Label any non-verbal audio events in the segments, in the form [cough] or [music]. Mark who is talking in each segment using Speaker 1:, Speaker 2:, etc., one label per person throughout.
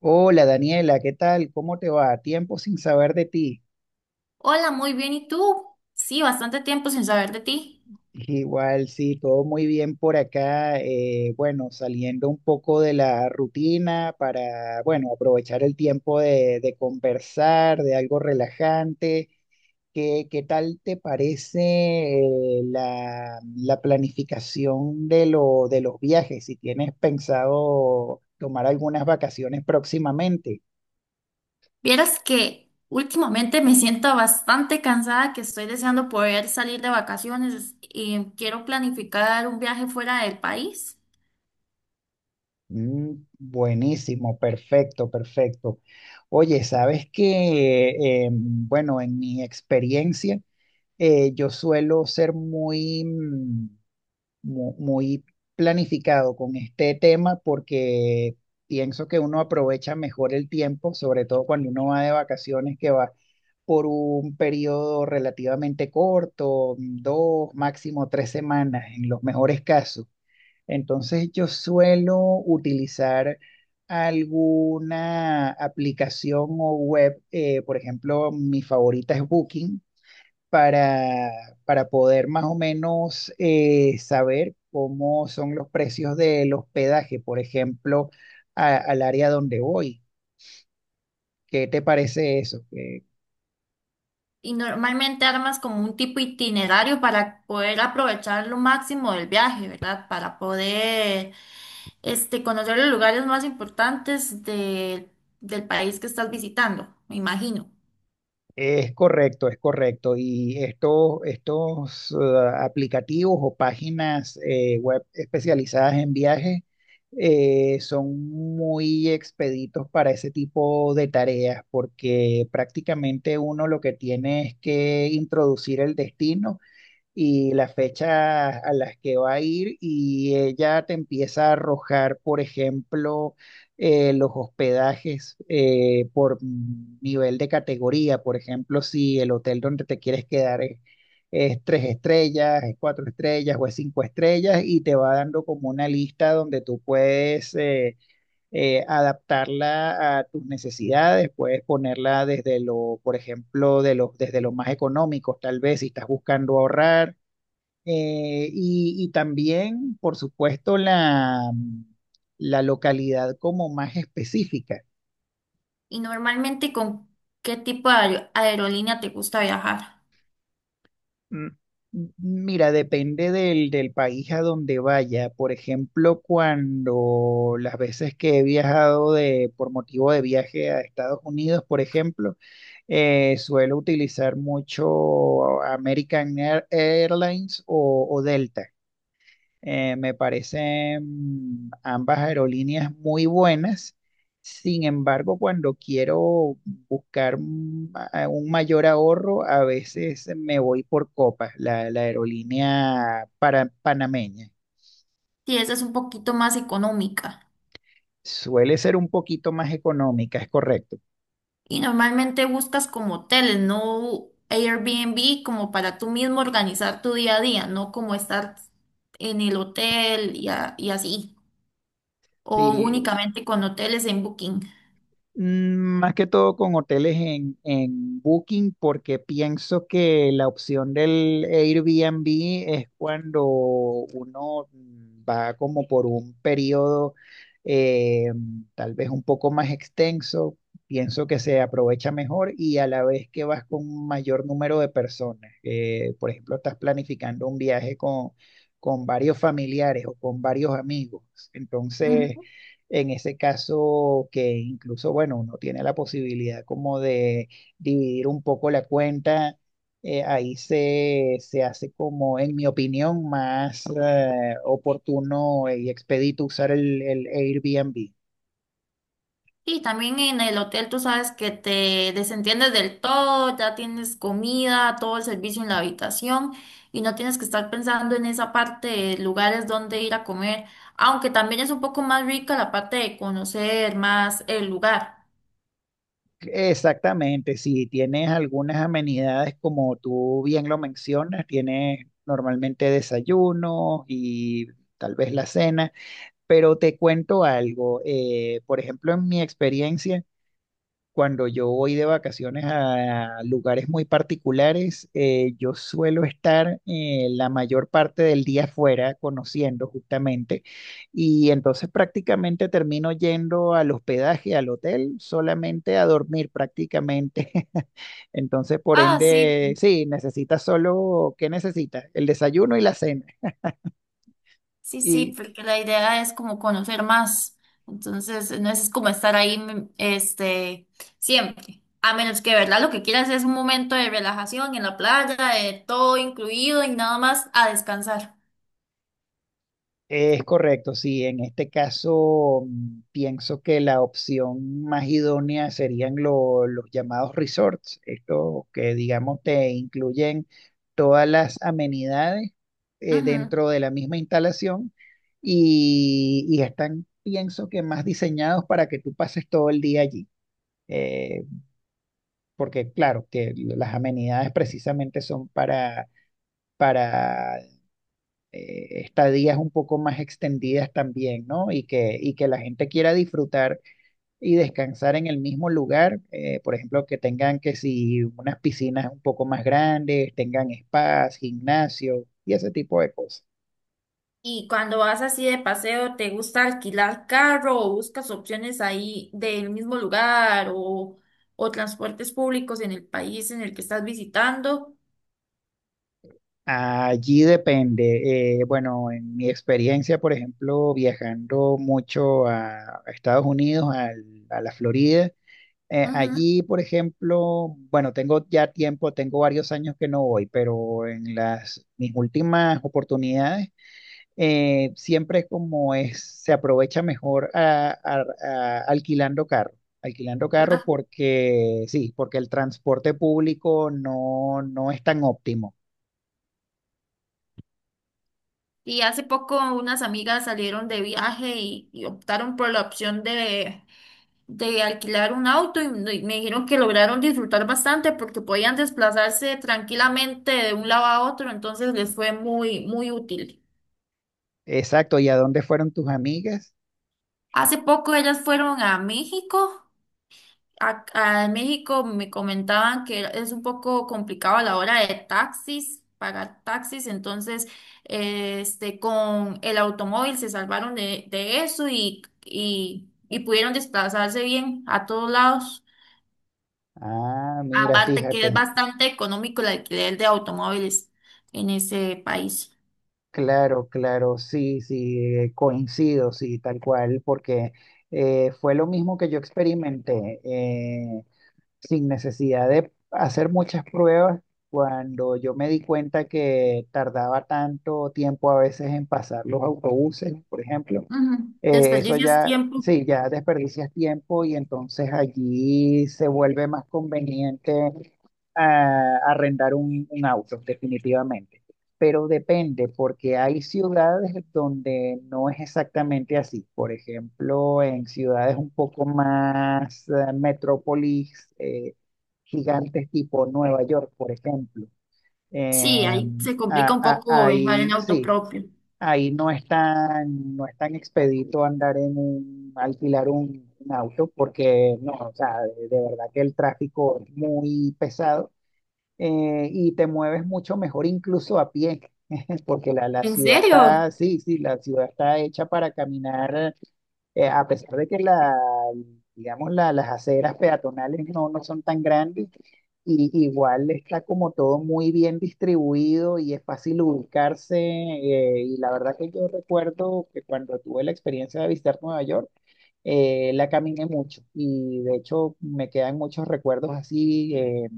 Speaker 1: Hola Daniela, ¿qué tal? ¿Cómo te va? Tiempo sin saber de ti.
Speaker 2: Hola, muy bien. ¿Y tú? Sí, bastante tiempo sin saber de ti.
Speaker 1: Igual, sí, todo muy bien por acá. Bueno, Saliendo un poco de la rutina para, bueno, aprovechar el tiempo de conversar, de algo relajante. ¿Qué tal te parece la planificación de los viajes? Si tienes pensado tomar algunas vacaciones próximamente.
Speaker 2: Vieras que últimamente me siento bastante cansada, que estoy deseando poder salir de vacaciones y quiero planificar un viaje fuera del país.
Speaker 1: Buenísimo, perfecto, perfecto. Oye, sabes que, bueno, en mi experiencia, yo suelo ser muy, muy planificado con este tema, porque pienso que uno aprovecha mejor el tiempo, sobre todo cuando uno va de vacaciones, que va por un periodo relativamente corto, dos, máximo tres semanas, en los mejores casos. Entonces yo suelo utilizar alguna aplicación o web, por ejemplo, mi favorita es Booking, para, para poder más o menos saber cómo son los precios del hospedaje, por ejemplo, al área donde voy. ¿Qué te parece eso?
Speaker 2: Y normalmente armas como un tipo itinerario para poder aprovechar lo máximo del viaje, ¿verdad? Para poder este, conocer los lugares más importantes del país que estás visitando, me imagino.
Speaker 1: Es correcto, es correcto. Y estos aplicativos o páginas web especializadas en viajes son muy expeditos para ese tipo de tareas, porque prácticamente uno lo que tiene es que introducir el destino y las fechas a las que va a ir, y ella te empieza a arrojar, por ejemplo, los hospedajes por nivel de categoría. Por ejemplo, si el hotel donde te quieres quedar es tres estrellas, es cuatro estrellas o es cinco estrellas, y te va dando como una lista donde tú puedes... adaptarla a tus necesidades. Puedes ponerla desde por ejemplo, de los desde lo más económico, tal vez si estás buscando ahorrar, y también, por supuesto, la localidad como más específica.
Speaker 2: Y normalmente, ¿con qué tipo de aerolínea te gusta viajar?
Speaker 1: Mm, Mira, depende del país a donde vaya. Por ejemplo, cuando las veces que he viajado por motivo de viaje a Estados Unidos, por ejemplo, suelo utilizar mucho American Airlines o Delta. Me parecen ambas aerolíneas muy buenas. Sin embargo, cuando quiero buscar un un mayor ahorro, a veces me voy por Copa, la aerolínea panameña.
Speaker 2: Si esa es un poquito más económica.
Speaker 1: Suele ser un poquito más económica, es correcto.
Speaker 2: Y normalmente buscas como hoteles, no Airbnb, como para tú mismo organizar tu día a día, no como estar en el hotel y así. O
Speaker 1: Sí.
Speaker 2: únicamente con hoteles en Booking.
Speaker 1: Más que todo con hoteles en Booking, porque pienso que la opción del Airbnb es cuando uno, va como por un periodo eh, tal vez un poco más extenso, pienso que se aprovecha mejor, y a la vez que vas con un mayor número de personas. Por ejemplo, estás planificando un viaje con varios familiares o con varios amigos. Entonces... en ese caso, que incluso, bueno, uno tiene la posibilidad como de dividir un poco la cuenta, ahí se hace como, en mi opinión, más oportuno y expedito usar el Airbnb.
Speaker 2: Y también en el hotel tú sabes que te desentiendes del todo, ya tienes comida, todo el servicio en la habitación y no tienes que estar pensando en esa parte de lugares donde ir a comer, aunque también es un poco más rica la parte de conocer más el lugar.
Speaker 1: Exactamente, si tienes algunas amenidades, como tú bien lo mencionas, tienes normalmente desayuno y tal vez la cena, pero te cuento algo, por ejemplo, en mi experiencia, cuando yo voy de vacaciones a lugares muy particulares, yo suelo estar la mayor parte del día afuera, conociendo justamente, y entonces prácticamente termino yendo al hospedaje, al hotel, solamente a dormir prácticamente. [laughs] Entonces, por
Speaker 2: Ah, sí,
Speaker 1: ende, sí, necesitas solo, ¿qué necesitas? El desayuno y la cena.
Speaker 2: sí, sí,
Speaker 1: Y
Speaker 2: porque la idea es como conocer más. Entonces, no es como estar ahí, este, siempre. A menos que, ¿verdad? Lo que quieras es un momento de relajación en la playa, de todo incluido y nada más a descansar.
Speaker 1: es correcto, sí. En este caso, pienso que la opción más idónea serían los llamados resorts, estos que, digamos, te incluyen todas las amenidades
Speaker 2: Ujú.
Speaker 1: dentro de la misma instalación, y están, pienso, que más diseñados para que tú pases todo el día allí. Eh, Porque, claro, que las amenidades precisamente son para estadías un poco más extendidas también, ¿no? Y y que la gente quiera disfrutar y descansar en el mismo lugar. Eh, por ejemplo, que tengan, que si unas piscinas un poco más grandes, tengan spas, gimnasio y ese tipo de cosas.
Speaker 2: Y cuando vas así de paseo, ¿te gusta alquilar carro o buscas opciones ahí del mismo lugar o transportes públicos en el país en el que estás visitando?
Speaker 1: Allí depende. Bueno, en mi experiencia, por ejemplo, viajando mucho a Estados Unidos, a la Florida,
Speaker 2: Ujú.
Speaker 1: allí, por ejemplo, bueno, tengo ya tiempo, tengo varios años que no voy, pero en las mis últimas oportunidades, siempre es como es, se aprovecha mejor alquilando carro, alquilando carro,
Speaker 2: ¿Verdad?
Speaker 1: porque sí, porque el transporte público no, no es tan óptimo.
Speaker 2: Y hace poco unas amigas salieron de viaje y optaron por la opción de alquilar un auto y me dijeron que lograron disfrutar bastante porque podían desplazarse tranquilamente de un lado a otro, entonces les fue muy, muy útil.
Speaker 1: Exacto, ¿y a dónde fueron tus amigas?
Speaker 2: Hace poco ellas fueron a México. En México me comentaban que es un poco complicado a la hora de taxis, pagar taxis, entonces este, con el automóvil se salvaron de eso y pudieron desplazarse bien a todos lados.
Speaker 1: Ah, mira,
Speaker 2: Aparte que es
Speaker 1: fíjate.
Speaker 2: bastante económico el alquiler de automóviles en ese país.
Speaker 1: Claro, claro, sí, sí, coincido, sí, tal cual, porque fue lo mismo que yo experimenté, sin necesidad de hacer muchas pruebas, cuando yo me di cuenta que tardaba tanto tiempo a veces en pasar los autobuses, por ejemplo.
Speaker 2: Ujú.
Speaker 1: Eso
Speaker 2: Desperdicias
Speaker 1: ya,
Speaker 2: tiempo.
Speaker 1: sí, ya desperdicias tiempo, y entonces allí se vuelve más conveniente arrendar un auto, definitivamente. Pero depende, porque hay ciudades donde no es exactamente así. Por ejemplo, en ciudades un poco más metrópolis, gigantes tipo Nueva York, por ejemplo. Eh,
Speaker 2: Sí, ahí se complica un poco viajar en
Speaker 1: Ahí
Speaker 2: auto
Speaker 1: sí,
Speaker 2: propio.
Speaker 1: ahí no es tan, no es tan expedito andar en un, alquilar un auto, porque no, o sea, de verdad que el tráfico es muy pesado, y te mueves mucho mejor incluso a pie, [laughs] porque la
Speaker 2: ¿En
Speaker 1: ciudad
Speaker 2: serio?
Speaker 1: está, sí, sí, la ciudad está hecha para caminar, a pesar de que digamos, las aceras peatonales no, no son tan grandes, y igual está como todo muy bien distribuido y es fácil ubicarse. Y la verdad que yo recuerdo que cuando tuve la experiencia de visitar Nueva York, la caminé mucho, y de hecho me quedan muchos recuerdos así.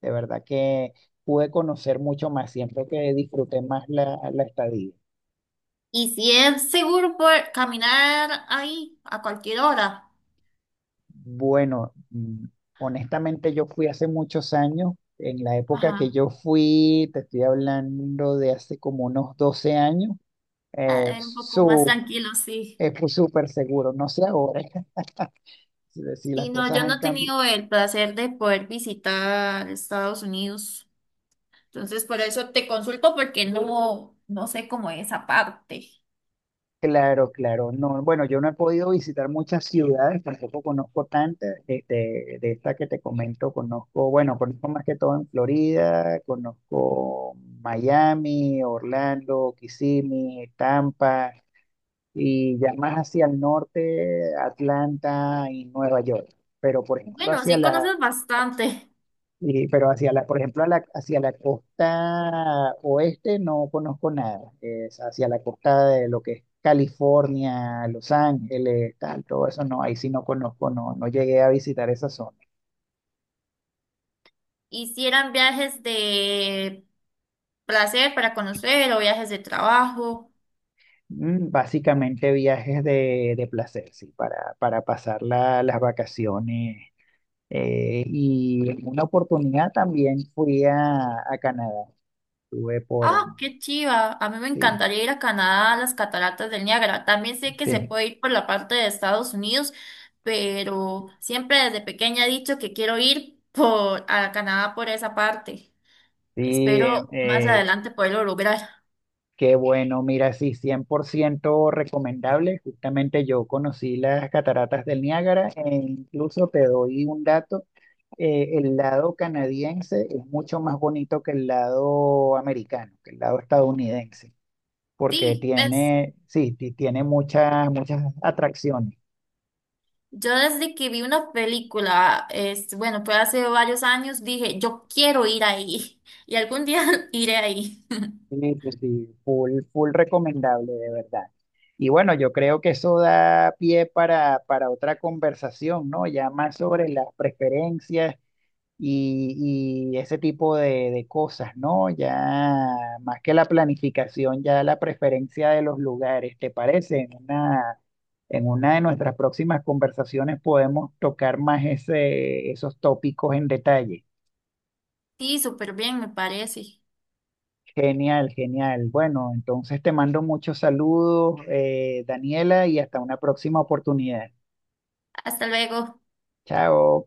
Speaker 1: De verdad que pude conocer mucho más, siento que disfruté más la estadía.
Speaker 2: ¿Y si es seguro por caminar ahí a cualquier hora?
Speaker 1: Bueno, honestamente yo fui hace muchos años. En la época que
Speaker 2: Ajá.
Speaker 1: yo fui, te estoy hablando de hace como unos 12 años,
Speaker 2: Ah,
Speaker 1: eh,
Speaker 2: es un poco más
Speaker 1: su,
Speaker 2: tranquilo, sí.
Speaker 1: fue súper seguro, no sé ahora [laughs] si las
Speaker 2: Sí, no,
Speaker 1: cosas
Speaker 2: yo no
Speaker 1: han
Speaker 2: he
Speaker 1: cambiado.
Speaker 2: tenido el placer de poder visitar Estados Unidos. Entonces, por eso te consulto porque no, no sé cómo es esa parte.
Speaker 1: Claro, claro, no, bueno, yo no he podido visitar muchas ciudades, tampoco conozco tantas, este, de esta que te comento, conozco, bueno, conozco más que todo en Florida. Conozco Miami, Orlando, Kissimmee, Tampa, y ya más hacia el norte, Atlanta y Nueva York. Pero por ejemplo
Speaker 2: Bueno,
Speaker 1: hacia
Speaker 2: sí conoces bastante.
Speaker 1: pero hacia la, por ejemplo hacia la costa oeste no conozco nada. Es hacia la costa, de lo que es California, Los Ángeles, tal, todo eso no, ahí sí no conozco, no, no llegué a visitar esa zona.
Speaker 2: ¿Hicieran viajes de placer para conocer o viajes de trabajo?
Speaker 1: Básicamente viajes de placer, sí, para pasar las vacaciones. Y en una oportunidad también fui a Canadá. Estuve por,
Speaker 2: Ah, qué chiva. A mí me
Speaker 1: sí,
Speaker 2: encantaría ir a Canadá, a las cataratas del Niágara. También sé que se
Speaker 1: sí,
Speaker 2: puede ir por la parte de Estados Unidos, pero siempre desde pequeña he dicho que quiero ir por a Canadá por esa parte.
Speaker 1: sí,
Speaker 2: Espero más
Speaker 1: eh,
Speaker 2: adelante poderlo lograr.
Speaker 1: qué bueno, mira, sí, 100% recomendable. Justamente yo conocí las cataratas del Niágara, e incluso te doy un dato, el lado canadiense es mucho más bonito que el lado americano, que el lado estadounidense, porque
Speaker 2: Sí, pues
Speaker 1: tiene, sí, tiene muchas, muchas atracciones.
Speaker 2: yo desde que vi una película, es, bueno, fue hace varios años, dije, yo quiero ir ahí [laughs] y algún día [laughs] iré ahí.
Speaker 1: Sí, sí, sí, full, full recomendable, de verdad. Y bueno, yo creo que eso da pie para otra conversación, ¿no? Ya más sobre las preferencias y ese tipo de cosas, ¿no? Ya más que la planificación, ya la preferencia de los lugares, ¿te parece? En una de nuestras próximas conversaciones podemos tocar más ese, esos tópicos en detalle.
Speaker 2: Sí, súper bien, me parece.
Speaker 1: Genial, genial. Bueno, entonces te mando muchos saludos, Daniela, y hasta una próxima oportunidad.
Speaker 2: Hasta luego.
Speaker 1: Chao.